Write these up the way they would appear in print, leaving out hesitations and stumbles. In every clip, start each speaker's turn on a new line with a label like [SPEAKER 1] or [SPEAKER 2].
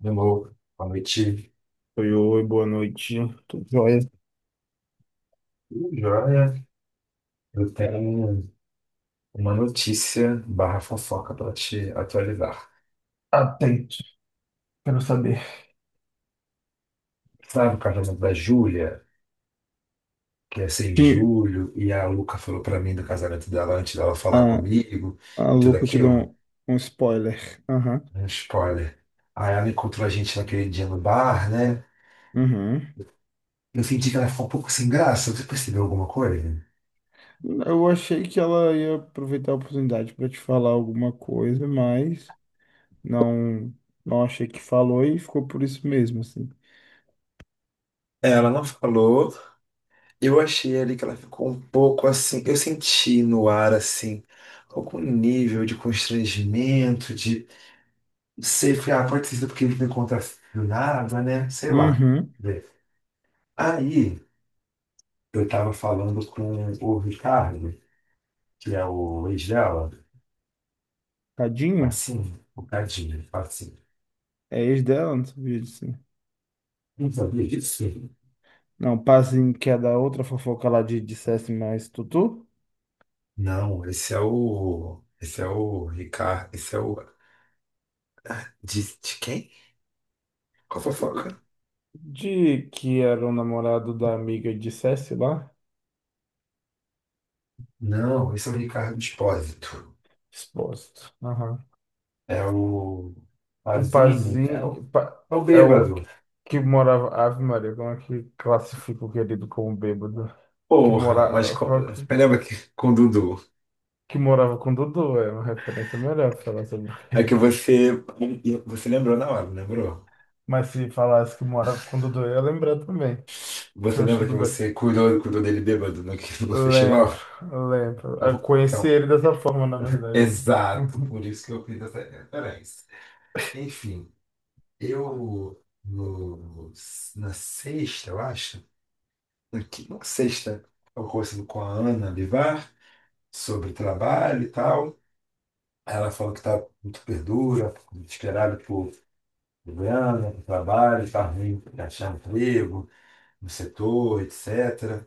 [SPEAKER 1] Demorou. Boa noite.
[SPEAKER 2] Oi, oi, boa noite. Tudo jóia?
[SPEAKER 1] Tudo jóia, eu tenho uma notícia barra fofoca para te atualizar.
[SPEAKER 2] Atento, quero saber.
[SPEAKER 1] Sabe o casamento da Júlia, que é 6 de
[SPEAKER 2] Sim,
[SPEAKER 1] julho, e a Luca falou para mim do casamento dela antes dela falar
[SPEAKER 2] ah,
[SPEAKER 1] comigo
[SPEAKER 2] a
[SPEAKER 1] e tudo
[SPEAKER 2] louco te deu
[SPEAKER 1] aquilo?
[SPEAKER 2] um spoiler. Aham,
[SPEAKER 1] É um spoiler. Aí ela encontrou a gente naquele dia no bar, né?
[SPEAKER 2] uhum.
[SPEAKER 1] Eu senti que ela ficou um pouco sem graça. Você percebeu alguma coisa?
[SPEAKER 2] Eu achei que ela ia aproveitar a oportunidade para te falar alguma coisa, mas não, não achei que falou e ficou por isso mesmo, assim.
[SPEAKER 1] Ela não falou. Eu achei ali que ela ficou um pouco assim. Eu senti no ar assim, algum nível de constrangimento, de. Não sei, foi, ah, pode ter sido porque ele me contracionava, né? Sei lá.
[SPEAKER 2] Uhum.
[SPEAKER 1] Vê. Aí eu tava falando com o Ricardo, que é o ex dela,
[SPEAKER 2] Tadinho?
[SPEAKER 1] assim, o Cadinho, assim.
[SPEAKER 2] É ex dela, não sabia disso.
[SPEAKER 1] Não sabia disso?
[SPEAKER 2] Não, passinho que é da outra fofoca lá de dissesse mais Tutu?
[SPEAKER 1] Não, esse é o. Esse é o Ricardo. Esse é o. De quem? Qual fofoca?
[SPEAKER 2] De que era o namorado da amiga de dissesse lá?
[SPEAKER 1] Não, esse é o Ricardo Espósito.
[SPEAKER 2] Exposto. Aham.
[SPEAKER 1] É o
[SPEAKER 2] O
[SPEAKER 1] Pazini, é o,
[SPEAKER 2] Pazinho
[SPEAKER 1] é o
[SPEAKER 2] é o
[SPEAKER 1] bêbado.
[SPEAKER 2] que que morava. Ave Maria, como é que classifica o querido como bêbado? Que
[SPEAKER 1] Porra, mas
[SPEAKER 2] morava,
[SPEAKER 1] lembra que com o Dudu?
[SPEAKER 2] que morava com Dudu, é uma referência melhor pra falar sobre o
[SPEAKER 1] É que
[SPEAKER 2] querido.
[SPEAKER 1] você. Você lembrou na hora, não lembrou?
[SPEAKER 2] Mas se falasse que morava com Dudu, eu ia lembrar também.
[SPEAKER 1] Você
[SPEAKER 2] Mas
[SPEAKER 1] lembra que
[SPEAKER 2] tudo bem.
[SPEAKER 1] você cuidou dele bêbado no festival?
[SPEAKER 2] Lembro, lembro. Eu
[SPEAKER 1] Então,
[SPEAKER 2] conheci
[SPEAKER 1] então,
[SPEAKER 2] ele dessa forma, na verdade.
[SPEAKER 1] exato,
[SPEAKER 2] Uhum,
[SPEAKER 1] por isso que eu fiz essa referência. Enfim, eu no, na sexta, eu acho, na não, sexta, eu conversando com a Ana Bivar sobre trabalho e tal. Aí ela falou que tá muito perdura, desesperada por Goiânia, por trabalho, tá ruim de achar emprego no setor, etc.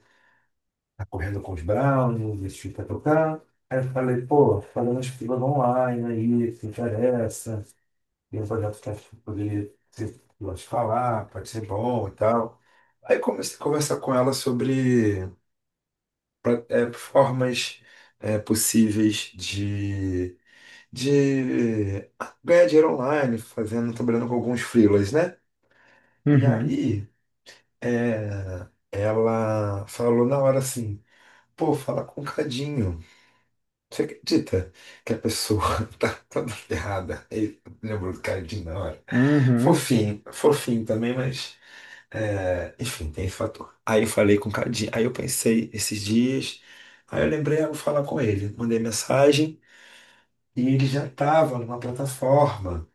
[SPEAKER 1] Tá correndo com os Browns, vestido pra tocar. Aí eu falei, pô, fazendo as filas online aí, se interessa, tem um projeto que acho que poderia ser, eu acho, falar, pode ser bom e tal. Aí comecei a conversar com ela sobre formas possíveis de ganhar dinheiro online, fazendo, trabalhando com alguns freelas, né? E
[SPEAKER 2] uhum,
[SPEAKER 1] aí, ela falou na hora assim, pô, fala com o Cadinho. Você acredita que a pessoa tá toda ferrada? Ele lembrou do Cadinho na hora.
[SPEAKER 2] uhum.
[SPEAKER 1] Fofinho, fofinho também, mas enfim, tem esse fator. Aí eu falei com o Cadinho, aí eu pensei esses dias, aí eu lembrei, eu vou falar com ele. Mandei mensagem e ele já estava numa plataforma.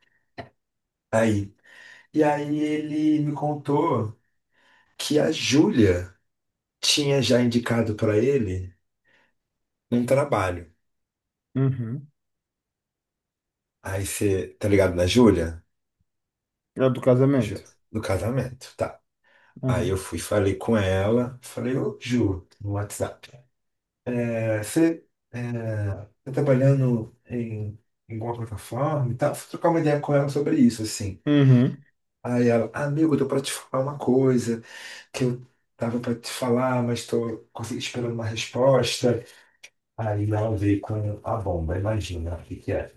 [SPEAKER 1] Aí E aí ele me contou que a Júlia tinha já indicado pra ele um trabalho.
[SPEAKER 2] Uhum.
[SPEAKER 1] Aí você, tá ligado na Júlia?
[SPEAKER 2] É do casamento.
[SPEAKER 1] Ju- Do casamento, tá. Aí eu
[SPEAKER 2] Uhum,
[SPEAKER 1] fui, falei com ela, falei, ô Ju, no WhatsApp. Você é, tá trabalhando em alguma plataforma e tal? Fui trocar uma ideia com ela sobre isso, assim.
[SPEAKER 2] uhum,
[SPEAKER 1] Aí ela, amigo, eu tô pra te falar uma coisa que eu tava pra te falar, mas tô esperando uma resposta. Aí ela veio com a bomba, imagina o que que é.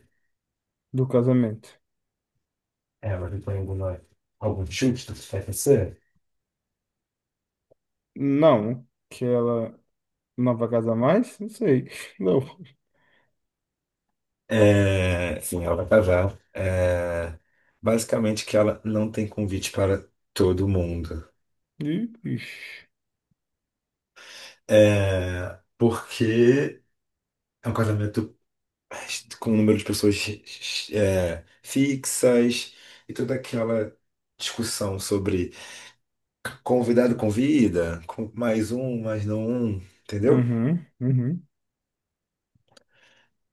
[SPEAKER 2] do casamento.
[SPEAKER 1] Ela veio com algum chute do que vai acontecer?
[SPEAKER 2] Não, que ela não vai casar mais? Não sei. Não.
[SPEAKER 1] É, sim, ela vai casar. É, basicamente que ela não tem convite para todo mundo.
[SPEAKER 2] Ih, Ixi.
[SPEAKER 1] É, porque é um casamento com um número de pessoas fixas e toda aquela discussão sobre convidado convida, com mais um, mais não um, entendeu?
[SPEAKER 2] Uhum, uhum.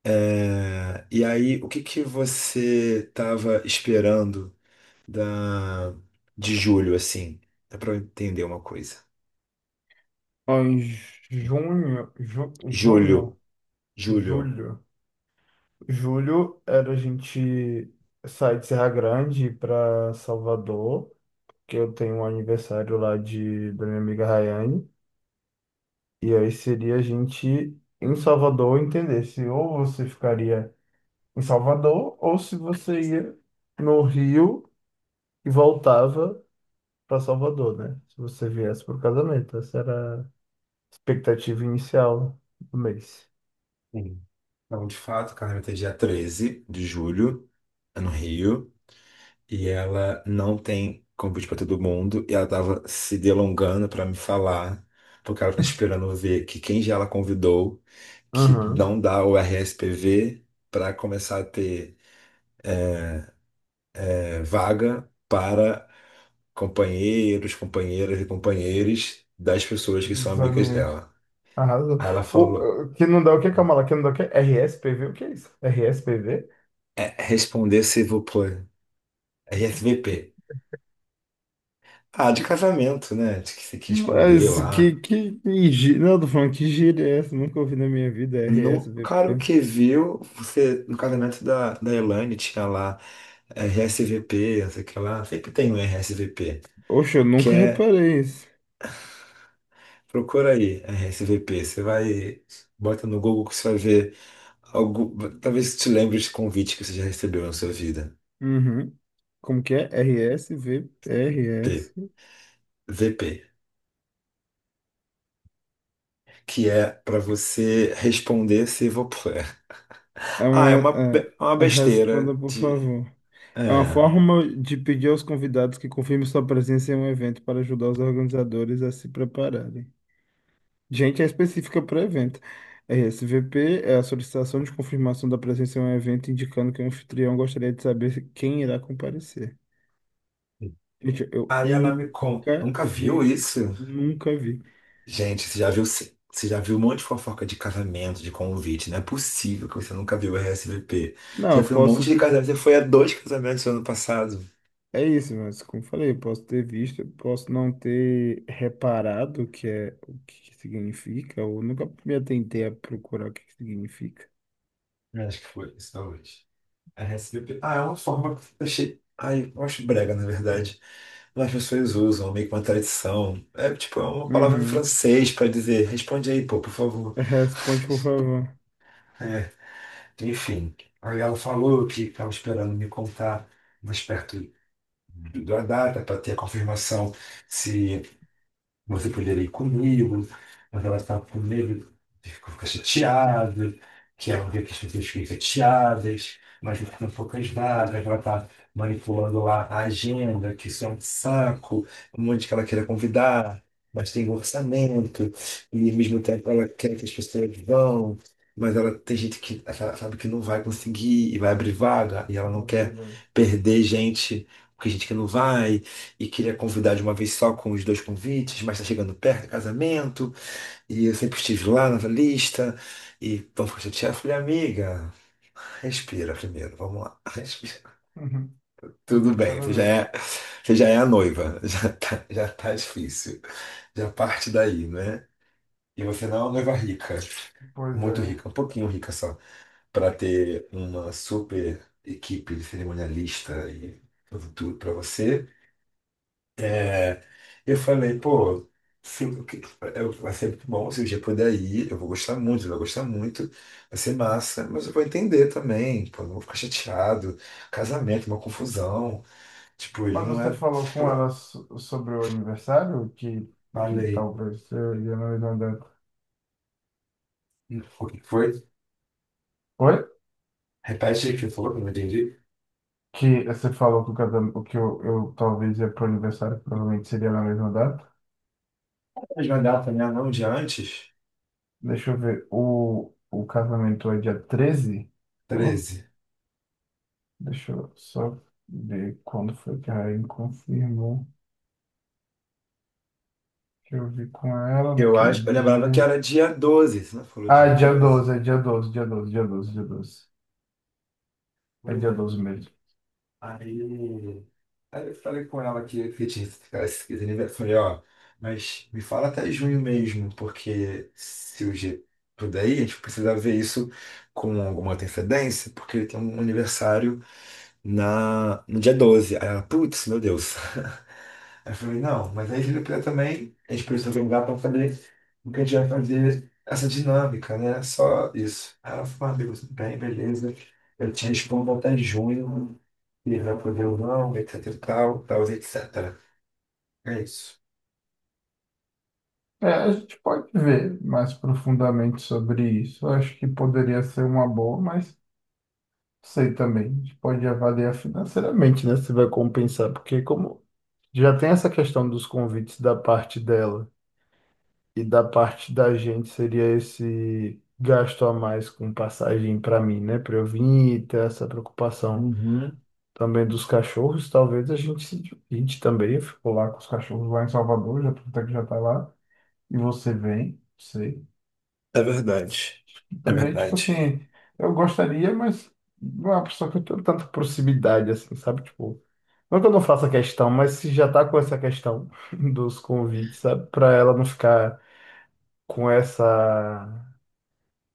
[SPEAKER 1] É, e aí, o que que você estava esperando da de julho, assim? É para eu entender uma coisa.
[SPEAKER 2] Ó, em junho, junho,
[SPEAKER 1] Julho, julho.
[SPEAKER 2] julho. Julho era a gente sair de Serra Grande para Salvador, que eu tenho um aniversário lá da minha amiga Rayane. E aí seria a gente em Salvador entender se ou você ficaria em Salvador ou se você ia no Rio e voltava para Salvador, né? Se você viesse para o casamento, essa era a expectativa inicial do mês.
[SPEAKER 1] Sim. Então, de fato, o carnaval é dia 13 de julho, é no Rio. E ela não tem convite para todo mundo e ela tava se delongando para me falar, porque ela tá esperando ver que quem já ela convidou que
[SPEAKER 2] Aham.
[SPEAKER 1] não dá o RSPV para começar a ter vaga para companheiros, companheiras e companheiros das pessoas que são
[SPEAKER 2] Os
[SPEAKER 1] amigas
[SPEAKER 2] amigos.
[SPEAKER 1] dela.
[SPEAKER 2] Arrasou.
[SPEAKER 1] Aí ela falou,
[SPEAKER 2] Que não dá o que, Camala? Que não dá o que? RSPV, o que é isso? RSPV?
[SPEAKER 1] responder se vou pôr RSVP. Ah, de casamento, né? Tem que responder
[SPEAKER 2] Mas que,
[SPEAKER 1] lá.
[SPEAKER 2] que, que gíria. Não, eu tô falando que gíria é essa? Nunca ouvi na minha vida
[SPEAKER 1] No cara, o
[SPEAKER 2] RSVP.
[SPEAKER 1] que viu, você, no casamento da Elaine tinha lá RSVP, não sei o que lá, sempre tem um RSVP,
[SPEAKER 2] Oxe, eu
[SPEAKER 1] que
[SPEAKER 2] nunca
[SPEAKER 1] é,
[SPEAKER 2] reparei isso.
[SPEAKER 1] procura aí, RSVP, você vai, bota no Google que você vai ver, algo, talvez te lembre de convite que você já recebeu na sua vida,
[SPEAKER 2] Uhum. Como que é? RSV,
[SPEAKER 1] P,
[SPEAKER 2] RS.
[SPEAKER 1] VP, que é para você responder s'il vous plaît.
[SPEAKER 2] É
[SPEAKER 1] Ah, é
[SPEAKER 2] uma.
[SPEAKER 1] uma, be- é uma besteira
[SPEAKER 2] Responda, por
[SPEAKER 1] de.
[SPEAKER 2] favor. É uma
[SPEAKER 1] É.
[SPEAKER 2] forma de pedir aos convidados que confirmem sua presença em um evento para ajudar os organizadores a se prepararem. Gente, é específica para o evento. RSVP é a solicitação de confirmação da presença em um evento, indicando que o anfitrião gostaria de saber quem irá comparecer. Gente, eu
[SPEAKER 1] Aí ela me conta,
[SPEAKER 2] nunca
[SPEAKER 1] nunca viu
[SPEAKER 2] vi,
[SPEAKER 1] isso?
[SPEAKER 2] nunca vi.
[SPEAKER 1] Gente, você já viu um monte de fofoca de casamento, de convite. Não é possível que você nunca viu o RSVP.
[SPEAKER 2] Não,
[SPEAKER 1] Você já
[SPEAKER 2] eu
[SPEAKER 1] foi um monte
[SPEAKER 2] posso.
[SPEAKER 1] de casamento, você foi a dois casamentos no ano passado.
[SPEAKER 2] É isso, mas como eu falei, eu posso ter visto, eu posso não ter reparado o que é, o que que significa, ou nunca me atentei a procurar o que que significa.
[SPEAKER 1] Eu acho que foi, isso é hoje. RSVP. Ah, é uma forma que eu achei. Ai, eu acho brega, na verdade. Mas as pessoas usam, meio que uma tradição. É tipo, é uma palavra em
[SPEAKER 2] Uhum.
[SPEAKER 1] francês para dizer, responde aí, pô, por favor.
[SPEAKER 2] Responde, por favor.
[SPEAKER 1] É, enfim. Aí ela falou que estava esperando me contar mais perto da data para ter a confirmação se você poderia ir comigo, mas ela estava com medo, de ficar chateada, que ela vê que as pessoas ficam chateadas, mas não ficam poucas nada, ela está manipulando lá a agenda, que isso é um saco, um monte que ela queira convidar, mas tem um orçamento, e ao mesmo tempo ela quer que as pessoas vão, mas ela tem gente que ela sabe que não vai conseguir e vai abrir vaga, e ela não quer
[SPEAKER 2] Rodrigo.
[SPEAKER 1] perder gente, porque gente que não vai e queria convidar de uma vez só com os dois convites, mas está chegando perto do casamento, e eu sempre estive lá na lista, e vamos ficar chateado. Eu falei, amiga, respira primeiro, vamos lá, respira.
[SPEAKER 2] Uhum.
[SPEAKER 1] Tudo
[SPEAKER 2] Agora de
[SPEAKER 1] bem,
[SPEAKER 2] cada
[SPEAKER 1] você já
[SPEAKER 2] vez.
[SPEAKER 1] é, você já é a noiva, já tá difícil, já parte daí, né? E você não é uma noiva rica,
[SPEAKER 2] Pois
[SPEAKER 1] muito
[SPEAKER 2] é.
[SPEAKER 1] rica, um pouquinho rica só, para ter uma super equipe de cerimonialista e tudo, tudo para você. É, eu falei, pô, se, o que- eu- vai ser muito bom se o dia puder ir, eu vou gostar muito, ele vai gostar muito, vai ser massa, mas eu vou entender também, pô, não vou ficar chateado, casamento, uma confusão, tipo, ele
[SPEAKER 2] Mas
[SPEAKER 1] não
[SPEAKER 2] você
[SPEAKER 1] é.
[SPEAKER 2] falou com ela sobre o aniversário? Que
[SPEAKER 1] Falei,
[SPEAKER 2] talvez eu ia no Irlanda.
[SPEAKER 1] o que foi?
[SPEAKER 2] Oi?
[SPEAKER 1] Repete aí o que você falou, que eu não entendi.
[SPEAKER 2] Que você falou que, o casamento, que eu talvez ia pro aniversário, que provavelmente seria na mesma data.
[SPEAKER 1] Mas uma data, né? Não, de antes?
[SPEAKER 2] Deixa eu ver. O casamento é dia 13. Ó,
[SPEAKER 1] 13.
[SPEAKER 2] deixa eu só ver quando foi que a Rainha confirmou que eu vi com ela
[SPEAKER 1] Eu
[SPEAKER 2] naquele
[SPEAKER 1] acho, eu lembrava que
[SPEAKER 2] dia.
[SPEAKER 1] era dia 12. Você não falou
[SPEAKER 2] Ah,
[SPEAKER 1] dia
[SPEAKER 2] é dia
[SPEAKER 1] doze
[SPEAKER 2] 12, é dia 12, dia 12, dia 12, dia doze. É
[SPEAKER 1] Pois
[SPEAKER 2] dia
[SPEAKER 1] é.
[SPEAKER 2] 12 mesmo.
[SPEAKER 1] Aí, aí, eu falei com ela que tinha esse cara, esse aniversário. Eu falei, ó, mas me fala até junho mesmo, porque se o G puder ir, a gente precisa ver isso com alguma antecedência, porque ele tem um aniversário no dia 12. Aí ela, putz, meu Deus. Aí eu falei, não, mas aí se ele puder também, a gente precisa organizar para fazer o que a gente vai fazer, essa dinâmica, né? Só isso. Aí ela falou, ah, amigo, tudo bem, beleza. Eu te respondo até junho, Irã pro não etc e tal, etc. É isso.
[SPEAKER 2] É, a gente pode ver mais profundamente sobre isso. Eu acho que poderia ser uma boa, mas sei também. A gente pode avaliar financeiramente, né? Se vai compensar, porque como já tem essa questão dos convites da parte dela e da parte da gente, seria esse gasto a mais com passagem para mim, né? Para eu vir e ter essa preocupação.
[SPEAKER 1] Uhum.
[SPEAKER 2] Também dos cachorros, talvez a gente se divide também. Ficou lá com os cachorros lá em Salvador, já até que já tá lá, e você vem, sei.
[SPEAKER 1] É verdade.
[SPEAKER 2] E
[SPEAKER 1] É
[SPEAKER 2] também, tipo
[SPEAKER 1] verdade.
[SPEAKER 2] assim, eu gostaria, mas não é uma pessoa que eu tenho tanta proximidade, assim, sabe? Tipo, não que eu não faça questão, mas se já tá com essa questão dos convites, sabe? Pra ela não ficar com essa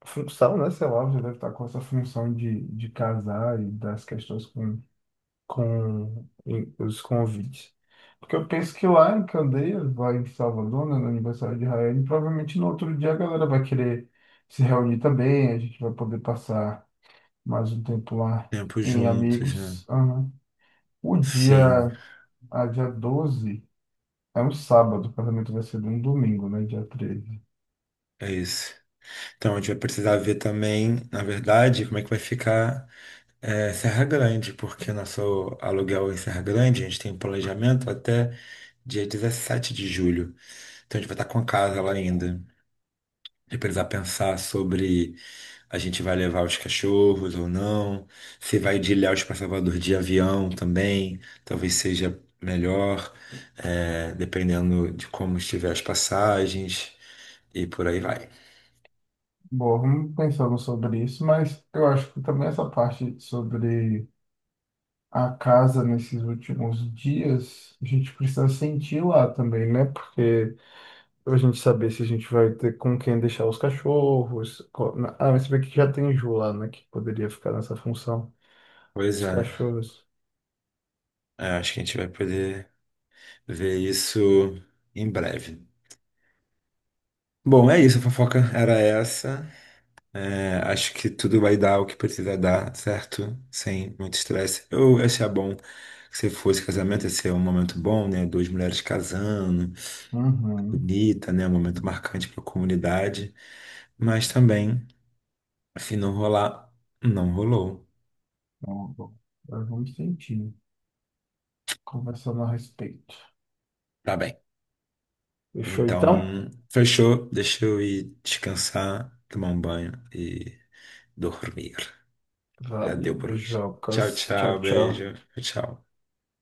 [SPEAKER 2] função, né? Sei lá, já deve estar com essa função de casar e das questões com os convites. Porque eu penso que lá em Candeias, lá em Salvador, né, no aniversário de Rael, provavelmente no outro dia a galera vai querer se reunir também, a gente vai poder passar mais um tempo lá
[SPEAKER 1] Tempo
[SPEAKER 2] em
[SPEAKER 1] juntos, né?
[SPEAKER 2] amigos. Aham. O
[SPEAKER 1] Sim,
[SPEAKER 2] dia, a dia 12 é um sábado, o casamento vai ser num domingo, né, dia 13.
[SPEAKER 1] é isso. Então a gente vai precisar ver também, na verdade, como é que vai ficar Serra Grande, porque nosso aluguel em Serra Grande, a gente tem um planejamento até dia 17 de julho. Então a gente vai estar com a casa lá ainda. De precisar pensar sobre a gente vai levar os cachorros ou não, se vai de Ilhéus para Salvador de avião também, talvez seja melhor, dependendo de como estiver as passagens e por aí vai.
[SPEAKER 2] Bom, vamos pensando sobre isso, mas eu acho que também essa parte sobre a casa nesses últimos dias, a gente precisa sentir lá também, né? Porque pra gente saber se a gente vai ter com quem deixar os cachorros. Ah, mas você vê que já tem Ju lá, né? Que poderia ficar nessa função
[SPEAKER 1] Pois
[SPEAKER 2] dos
[SPEAKER 1] é,
[SPEAKER 2] cachorros.
[SPEAKER 1] acho que a gente vai poder ver isso em breve. Bom, é isso,
[SPEAKER 2] Bom.
[SPEAKER 1] a fofoca era essa. É, acho que tudo vai dar o que precisa dar, certo? Sem muito estresse. Eu achei bom que você fosse casamento, esse é um momento bom, né? Duas mulheres casando,
[SPEAKER 2] Uhum.
[SPEAKER 1] bonita, né? Um momento marcante para a comunidade. Mas também, se não rolar, não rolou.
[SPEAKER 2] Bom, bom. Agora vamos sentir, né? Conversando a respeito.
[SPEAKER 1] Tá bem.
[SPEAKER 2] Fechou então?
[SPEAKER 1] Então, fechou. Deixa eu ir descansar, tomar um banho e dormir. Já
[SPEAKER 2] Valeu,
[SPEAKER 1] deu por hoje. Tchau,
[SPEAKER 2] beijocas. Tchau,
[SPEAKER 1] tchau.
[SPEAKER 2] tchau.
[SPEAKER 1] Beijo. Tchau.